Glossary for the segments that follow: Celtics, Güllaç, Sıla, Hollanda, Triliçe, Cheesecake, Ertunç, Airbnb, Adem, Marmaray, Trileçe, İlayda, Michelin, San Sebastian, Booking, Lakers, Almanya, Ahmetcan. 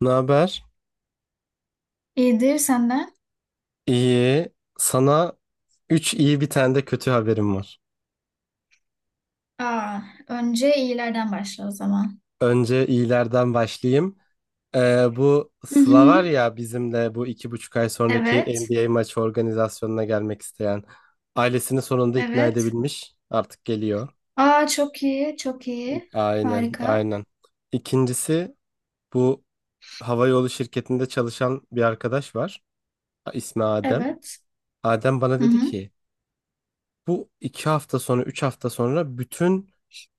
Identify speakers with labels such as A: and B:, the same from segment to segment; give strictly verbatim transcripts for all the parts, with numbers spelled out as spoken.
A: Ne haber?
B: İyidir senden.
A: İyi. Sana üç iyi bir tane de kötü haberim var.
B: Aa, önce iyilerden başla o zaman.
A: Önce iyilerden başlayayım. Ee, bu
B: Hı
A: Sıla var
B: hı.
A: ya bizimle bu iki buçuk ay sonraki
B: Evet,
A: N B A maçı organizasyonuna gelmek isteyen. Ailesini sonunda ikna
B: evet.
A: edebilmiş. Artık geliyor.
B: Aa, çok iyi, çok iyi.
A: Aynen,
B: Harika.
A: aynen. İkincisi bu havayolu şirketinde çalışan bir arkadaş var. İsmi Adem.
B: Evet.
A: Adem bana
B: Hı
A: dedi
B: hı.
A: ki Bu iki hafta sonra, üç hafta sonra bütün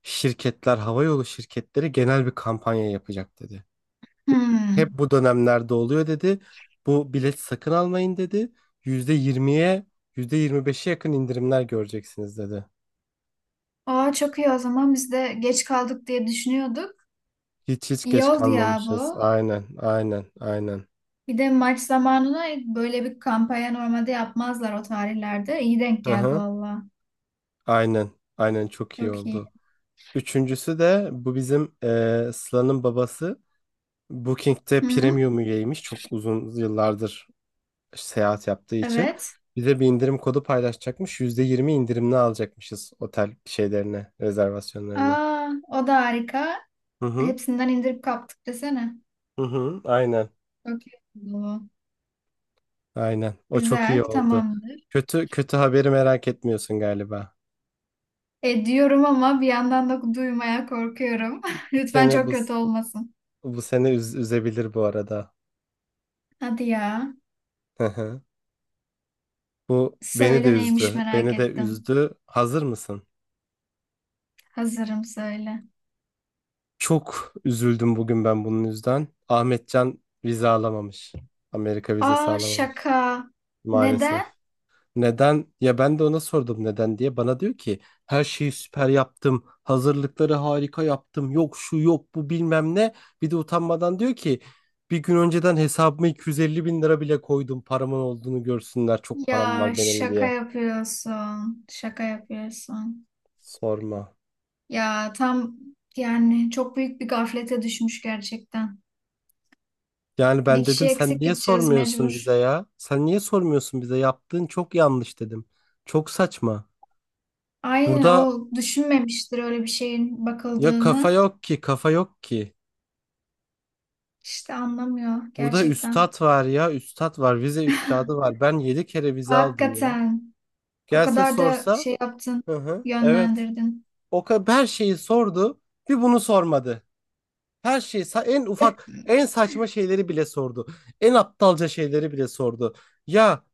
A: şirketler, havayolu şirketleri genel bir kampanya yapacak dedi. Hep
B: Hmm.
A: bu dönemlerde oluyor dedi. Bu bilet sakın almayın dedi. Yüzde yirmiye, yüzde yirmi beşe yakın indirimler göreceksiniz dedi.
B: Aa, çok iyi o zaman. Biz de geç kaldık diye düşünüyorduk.
A: Hiç hiç
B: İyi
A: geç
B: oldu ya
A: kalmamışız.
B: bu.
A: Aynen, aynen, aynen.
B: Bir de maç zamanına böyle bir kampanya normalde yapmazlar o tarihlerde. İyi denk
A: Hı
B: geldi
A: hı.
B: valla.
A: Aynen, aynen çok iyi
B: Çok iyi.
A: oldu. Üçüncüsü de bu bizim eee Sıla'nın babası. Booking'te
B: Hı hı.
A: premium üyeymiş. Çok uzun yıllardır seyahat yaptığı için
B: Evet.
A: bize bir indirim kodu paylaşacakmış. yüzde yirmi indirimli alacakmışız otel şeylerine, rezervasyonlarına.
B: Aa, o da harika.
A: Hı hı.
B: Hepsinden indirip kaptık desene.
A: Hı hı. Aynen.
B: Çok iyi oldu bu.
A: Aynen. O çok iyi
B: Güzel,
A: oldu.
B: tamamdır.
A: Kötü kötü haberi merak etmiyorsun galiba.
B: E, diyorum ama bir yandan da duymaya korkuyorum. Lütfen
A: Seni
B: çok
A: bu
B: kötü olmasın.
A: bu seni üz- üzebilir bu arada.
B: Hadi ya.
A: Hı hı. Bu beni de
B: Söyle neymiş
A: üzdü.
B: merak
A: Beni de
B: ettim.
A: üzdü. Hazır mısın?
B: Hazırım söyle.
A: Çok üzüldüm bugün ben bunun yüzden. Ahmetcan vize alamamış. Amerika vizesi
B: Aa,
A: alamamış.
B: şaka.
A: Maalesef.
B: Neden?
A: Neden? Ya ben de ona sordum neden diye. Bana diyor ki her şeyi süper yaptım. Hazırlıkları harika yaptım. Yok şu yok bu bilmem ne. Bir de utanmadan diyor ki bir gün önceden hesabıma iki yüz elli bin lira bile koydum. Paramın olduğunu görsünler. Çok param
B: Ya
A: var benim
B: şaka
A: diye.
B: yapıyorsun. Şaka yapıyorsun.
A: Sorma.
B: Ya tam yani çok büyük bir gaflete düşmüş gerçekten.
A: Yani
B: Bir
A: ben dedim
B: kişi
A: sen
B: eksik
A: niye
B: gideceğiz
A: sormuyorsun
B: mecbur.
A: bize ya? Sen niye sormuyorsun bize? Yaptığın çok yanlış dedim. Çok saçma.
B: Aynen,
A: Burada
B: o düşünmemiştir öyle bir şeyin
A: ya kafa
B: bakıldığını.
A: yok ki kafa yok ki.
B: İşte anlamıyor
A: Burada
B: gerçekten.
A: üstad var ya, üstad var, vize üstadı var. Ben yedi kere vize aldım ya.
B: Hakikaten. O
A: Gelse
B: kadar da
A: sorsa,
B: şey yaptın,
A: hı hı, evet.
B: yönlendirdin.
A: O kadar her şeyi sordu, bir bunu sormadı. Her şeyi, sa- en ufak, en saçma şeyleri bile sordu. En aptalca şeyleri bile sordu. Ya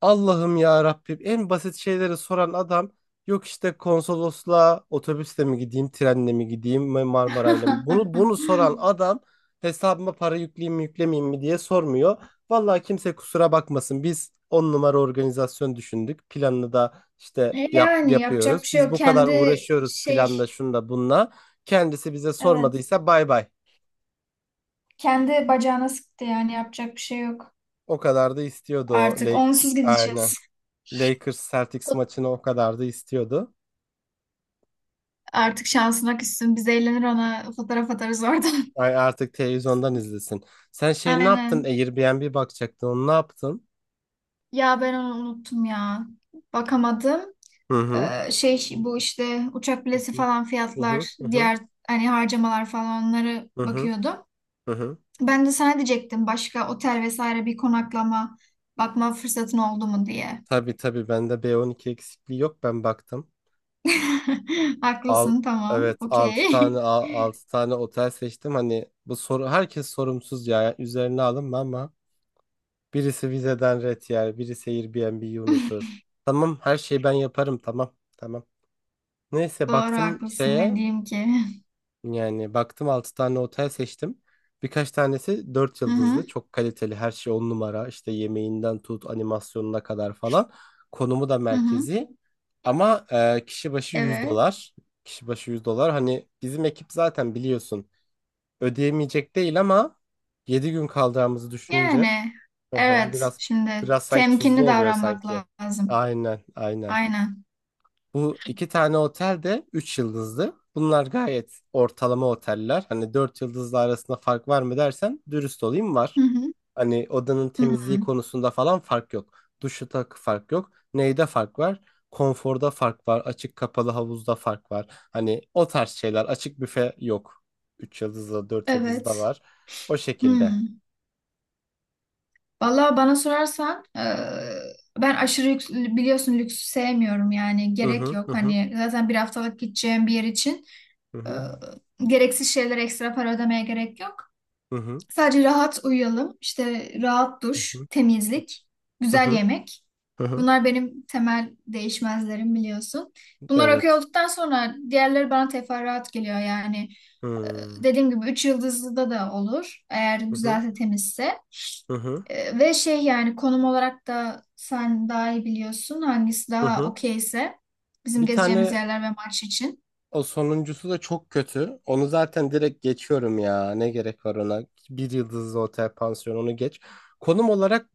A: Allah'ım ya Rabbim en basit şeyleri soran adam, yok işte konsolosluğa otobüsle mi gideyim trenle mi gideyim mi Marmaray'la mı bunu bunu soran adam hesabıma para yükleyeyim mi yüklemeyeyim mi diye sormuyor. Vallahi kimse kusura bakmasın biz on numara organizasyon düşündük, planını da işte
B: E
A: yap,
B: Yani
A: yapıyoruz,
B: yapacak bir şey
A: biz
B: yok.
A: bu kadar
B: Kendi
A: uğraşıyoruz
B: şey,
A: planla şunda bununla, kendisi bize
B: evet.
A: sormadıysa bay bay.
B: Kendi bacağına sıktı yani yapacak bir şey yok.
A: O kadar da istiyordu o
B: Artık
A: Lake,
B: onsuz
A: aynen
B: gideceğiz.
A: Lakers Celtics
B: O-
A: maçını o kadar da istiyordu.
B: Artık şansına küssün. Biz eğlenir ona. Fotoğraf atarız oradan.
A: Ay artık televizyondan izlesin. Sen şey ne yaptın?
B: Aynen.
A: Airbnb bakacaktın. Onu ne yaptın?
B: Ya ben onu unuttum ya. Bakamadım.
A: Hı hı.
B: Ee, şey bu işte uçak
A: Hı
B: bileti
A: hı.
B: falan
A: Hı
B: fiyatlar,
A: hı. Hı
B: diğer hani harcamalar falan onları
A: hı.
B: bakıyordum.
A: Hı hı.
B: Ben de sana diyecektim başka otel vesaire bir konaklama bakma fırsatın oldu mu diye.
A: Tabii tabii bende B on iki eksikliği yok. Ben baktım. Al,
B: Haklısın, tamam.
A: evet, altı
B: Okey.
A: tane altı tane otel seçtim. Hani bu soru herkes sorumsuz ya. Üzerine alınma ama birisi vizeden ret yer, birisi Airbnb'yi unutur. Tamam, her şeyi ben yaparım. Tamam. Tamam. Neyse
B: Doğru,
A: baktım
B: haklısın, ne
A: şeye.
B: diyeyim ki.
A: Yani baktım altı tane otel seçtim. Birkaç tanesi dört
B: Hı hı,
A: yıldızlı. Çok kaliteli, her şey on numara. İşte yemeğinden tut animasyonuna kadar falan. Konumu da
B: hı hı.
A: merkezi. Ama e, kişi başı yüz
B: Evet.
A: dolar. Kişi başı yüz dolar. Hani bizim ekip zaten biliyorsun ödeyemeyecek değil ama yedi gün kalacağımızı düşününce,
B: Yani
A: hı hı,
B: evet,
A: biraz
B: şimdi
A: biraz sanki tuzlu
B: temkinli
A: oluyor
B: davranmak
A: sanki.
B: lazım.
A: Aynen aynen.
B: Aynen.
A: Bu iki tane otel de üç yıldızlı. Bunlar gayet ortalama oteller. Hani dört yıldızlı arasında fark var mı dersen, dürüst olayım, var.
B: Hı hı.
A: Hani odanın
B: Hı.
A: temizliği konusunda falan fark yok. Duşta fark yok. Neyde fark var? Konforda fark var. Açık kapalı havuzda fark var. Hani o tarz şeyler. Açık büfe yok. Üç yıldızlı, dört yıldızda
B: Evet.
A: var. O
B: Hı.
A: şekilde.
B: Vallahi bana sorarsan eee, ben aşırı lüks, biliyorsun lüks sevmiyorum yani
A: Hı
B: gerek
A: hı. Hı
B: yok.
A: hı.
B: Hani zaten bir haftalık gideceğim bir yer için
A: Hı
B: E,
A: hı.
B: gereksiz şeylere ekstra para ödemeye gerek yok.
A: Hı hı.
B: Sadece rahat uyuyalım. İşte rahat duş, temizlik,
A: Hı hı.
B: güzel yemek.
A: Hı hı.
B: Bunlar benim temel değişmezlerim, biliyorsun. Bunlar okey
A: Evet.
B: olduktan sonra diğerleri bana teferruat geliyor yani.
A: Hı hı.
B: Dediğim gibi üç yıldızlı da da olur. Eğer
A: Hı
B: güzelse, temizse.
A: hı.
B: E, ve şey yani konum olarak da sen daha iyi biliyorsun hangisi
A: Hı
B: daha
A: hı.
B: okeyse bizim
A: Bir
B: gezeceğimiz
A: tane,
B: yerler ve maç için.
A: o sonuncusu da çok kötü. Onu zaten direkt geçiyorum ya. Ne gerek var ona? Bir yıldızlı otel pansiyon, onu geç. Konum olarak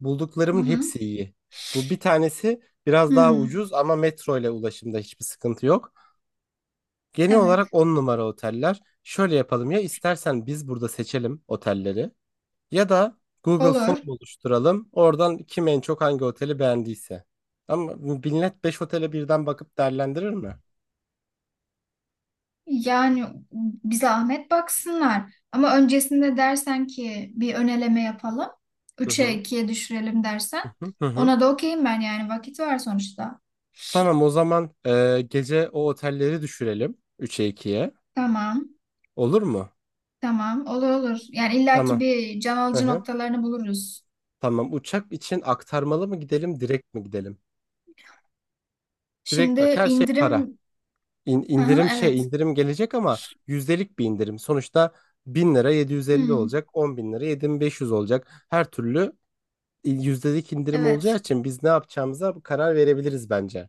B: Hı
A: bulduklarımın
B: hı.
A: hepsi iyi. Bu bir tanesi biraz daha
B: Hmm,
A: ucuz ama metro ile ulaşımda hiçbir sıkıntı yok. Genel olarak
B: evet.
A: on numara oteller. Şöyle yapalım, ya istersen biz burada seçelim otelleri ya da Google Form
B: Olur.
A: oluşturalım. Oradan kim en çok hangi oteli beğendiyse. Ama millet beş otele birden bakıp değerlendirir mi?
B: Yani bir zahmet baksınlar. Ama öncesinde dersen ki bir ön eleme yapalım.
A: Hı
B: üçe
A: hı.
B: ikiye düşürelim dersen
A: Hı hı. Hı hı.
B: ona da okeyim ben, yani vakit var sonuçta.
A: Tamam o zaman, e, gece o otelleri düşürelim üçe, ikiye.
B: Tamam,
A: Olur mu?
B: tamam, olur olur. Yani illaki
A: Tamam.
B: bir can
A: Hı
B: alıcı
A: hı.
B: noktalarını buluruz.
A: Tamam. Uçak için aktarmalı mı gidelim, direkt mi gidelim? Direkt,
B: Şimdi
A: bak, her şey para.
B: indirim...
A: İn,
B: Hı hı,
A: indirim şey
B: evet.
A: indirim gelecek ama yüzdelik bir indirim. Sonuçta bin lira yedi yüz elli
B: Hı,
A: olacak, on bin lira yedi bin beş yüz olacak. Her türlü yüzdelik indirim olacağı
B: evet.
A: için biz ne yapacağımıza karar verebiliriz bence.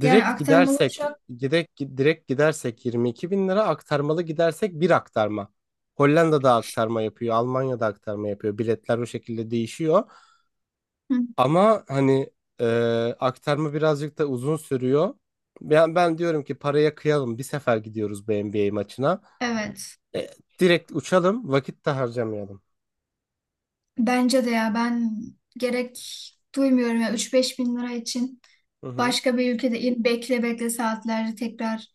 B: Yani
A: Direkt
B: aktarmalı
A: gidersek,
B: uçak...
A: direkt, direkt gidersek yirmi iki bin lira, aktarmalı gidersek bir aktarma. Hollanda'da aktarma yapıyor, Almanya'da aktarma yapıyor. Biletler o şekilde değişiyor.
B: Hı,
A: Ama hani e, aktarma birazcık da uzun sürüyor. Ben, ben diyorum ki paraya kıyalım, bir sefer gidiyoruz bu N B A maçına.
B: evet.
A: E, Direkt uçalım, vakit de harcamayalım.
B: Bence de ya, ben gerek duymuyorum ya üç beş bin lira için.
A: Hı hı,
B: Başka bir ülkede in, bekle bekle saatlerce tekrar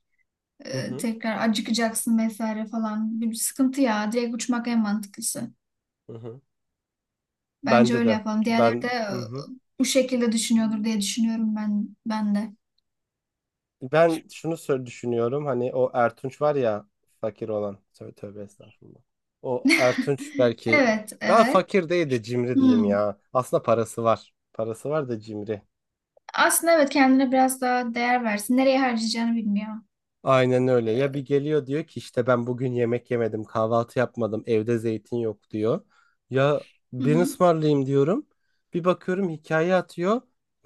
A: hı
B: e,
A: hı,
B: tekrar acıkacaksın vesaire falan. Bir bir sıkıntı ya. Direkt uçmak en mantıklısı.
A: hı hı.
B: Bence
A: Bence
B: öyle
A: de.
B: yapalım. Diğerleri de
A: Ben, hı hı.
B: e, bu şekilde düşünüyordur diye düşünüyorum ben ben de.
A: Ben şunu sö- düşünüyorum, hani o Ertunç var ya, fakir olan, tövbe, tövbe, estağfurullah. O Ertunç belki,
B: Evet,
A: ben
B: evet.
A: fakir değil de cimri diyeyim
B: Hmm.
A: ya. Aslında parası var. Parası var da cimri.
B: Aslında evet, kendine biraz daha değer versin. Nereye harcayacağını bilmiyor.
A: Aynen öyle. Ya bir geliyor diyor ki işte ben bugün yemek yemedim, kahvaltı yapmadım, evde zeytin yok diyor. Ya
B: Hı
A: birini
B: hı.
A: ısmarlayayım diyorum. Bir bakıyorum hikaye atıyor.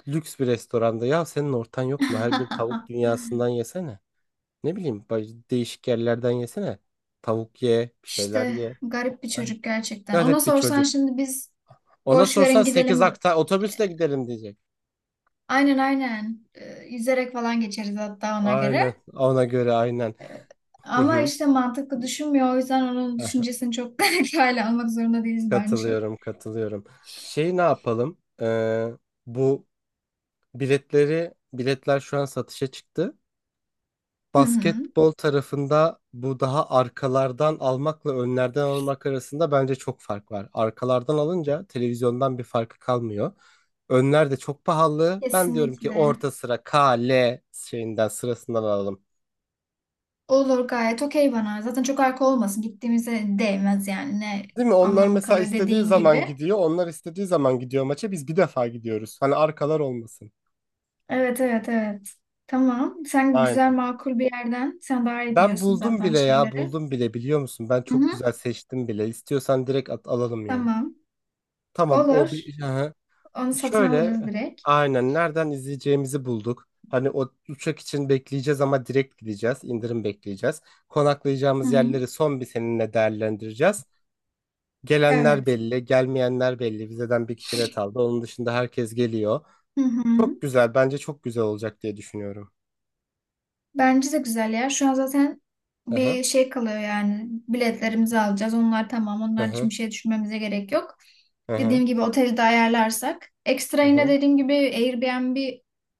A: Lüks bir restoranda. Ya senin ortan yok mu? Her gün tavuk dünyasından yesene. Ne bileyim, baş- değişik yerlerden yesene. Tavuk ye, bir şeyler
B: İşte
A: ye.
B: garip bir
A: Aynen.
B: çocuk gerçekten. Ona
A: Garip bir
B: sorsan
A: çocuk.
B: şimdi biz
A: Ona
B: boş
A: sorsan
B: verin
A: sekiz
B: gidelim.
A: akta otobüsle giderim diyecek.
B: Aynen, aynen. Ee, yüzerek falan geçeriz hatta ona göre.
A: Aynen, ona göre, aynen.
B: Ee,
A: Hı
B: Ama
A: hı.
B: işte mantıklı düşünmüyor. O yüzden onun
A: Heh,
B: düşüncesini çok dikkatli almak zorunda değiliz bence.
A: katılıyorum katılıyorum. Şey ne yapalım? Ee, bu biletleri Biletler şu an satışa çıktı.
B: Hı hı.
A: Basketbol tarafında bu, daha arkalardan almakla önlerden almak arasında bence çok fark var. Arkalardan alınca televizyondan bir farkı kalmıyor. Önler de çok pahalı. Ben diyorum ki
B: Kesinlikle.
A: orta sıra K, L şeyinden, sırasından alalım.
B: Olur, gayet okey bana. Zaten çok arka olmasın, gittiğimize değmez yani. Ne
A: Değil mi? Onlar
B: anlamı
A: mesela
B: kalıyor,
A: istediği
B: dediğin
A: zaman
B: gibi.
A: gidiyor. Onlar istediği zaman gidiyor maça. Biz bir defa gidiyoruz. Hani arkalar olmasın.
B: Evet, evet, evet. Tamam. Sen güzel
A: Aynen.
B: makul bir yerden. Sen daha iyi
A: Ben
B: biliyorsun
A: buldum
B: zaten
A: bile ya.
B: şeyleri.
A: Buldum bile, biliyor musun? Ben
B: Hı
A: çok
B: hı.
A: güzel seçtim bile. İstiyorsan direkt at, alalım ya.
B: Tamam.
A: Tamam,
B: Olur.
A: o bir...
B: Onu satın
A: Şöyle,
B: alırız direkt.
A: aynen, nereden izleyeceğimizi bulduk. Hani o uçak için bekleyeceğiz ama direkt gideceğiz. İndirim bekleyeceğiz.
B: Hı
A: Konaklayacağımız
B: hı.
A: yerleri son bir seninle değerlendireceğiz. Gelenler
B: Evet.
A: belli, gelmeyenler belli. Vizeden bir kişi ret aldı. Onun dışında herkes geliyor.
B: Hı hı.
A: Çok güzel. Bence çok güzel olacak diye düşünüyorum.
B: Bence de güzel ya. Şu an zaten
A: Hı hı,
B: bir şey kalıyor yani. Biletlerimizi alacağız. Onlar tamam.
A: hı
B: Onlar
A: hı,
B: için bir şey düşünmemize gerek yok.
A: hı hı,
B: Dediğim gibi oteli de ayarlarsak. Ekstra
A: hı
B: yine
A: hı.
B: dediğim gibi Airbnb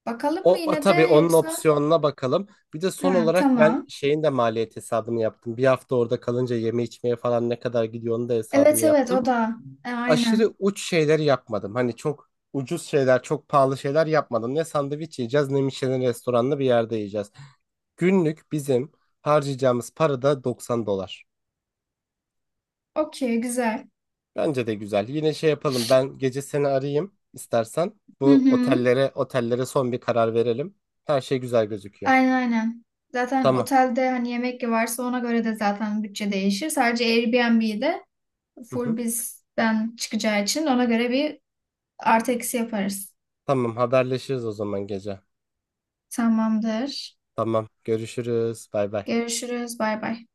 B: bakalım mı
A: O, o
B: yine de
A: tabii onun
B: yoksa?
A: opsiyonuna bakalım. Bir de son
B: Ha,
A: olarak ben
B: tamam.
A: şeyin de maliyet hesabını yaptım. Bir hafta orada kalınca yeme içmeye falan ne kadar gidiyor onun da hesabını
B: Evet, evet,
A: yaptım.
B: o da. E,
A: Aşırı
B: aynen.
A: uç şeyleri yapmadım. Hani çok ucuz şeyler, çok pahalı şeyler yapmadım. Ne sandviç yiyeceğiz, ne Michelin restoranlı bir yerde yiyeceğiz. Günlük bizim harcayacağımız para da doksan dolar.
B: Okey, güzel.
A: Bence de güzel. Yine şey yapalım. Ben gece seni arayayım istersen.
B: Hı
A: Bu
B: hı.
A: otellere otellere son bir karar verelim. Her şey güzel gözüküyor.
B: Aynen, aynen. Zaten
A: Tamam.
B: otelde hani yemek varsa ona göre de zaten bütçe değişir. Sadece Airbnb'yi de
A: Hı hı.
B: full bizden çıkacağı için ona göre bir artı eksi yaparız.
A: Tamam, haberleşiriz o zaman gece.
B: Tamamdır.
A: Tamam, görüşürüz. Bay bay.
B: Görüşürüz. Bay bay.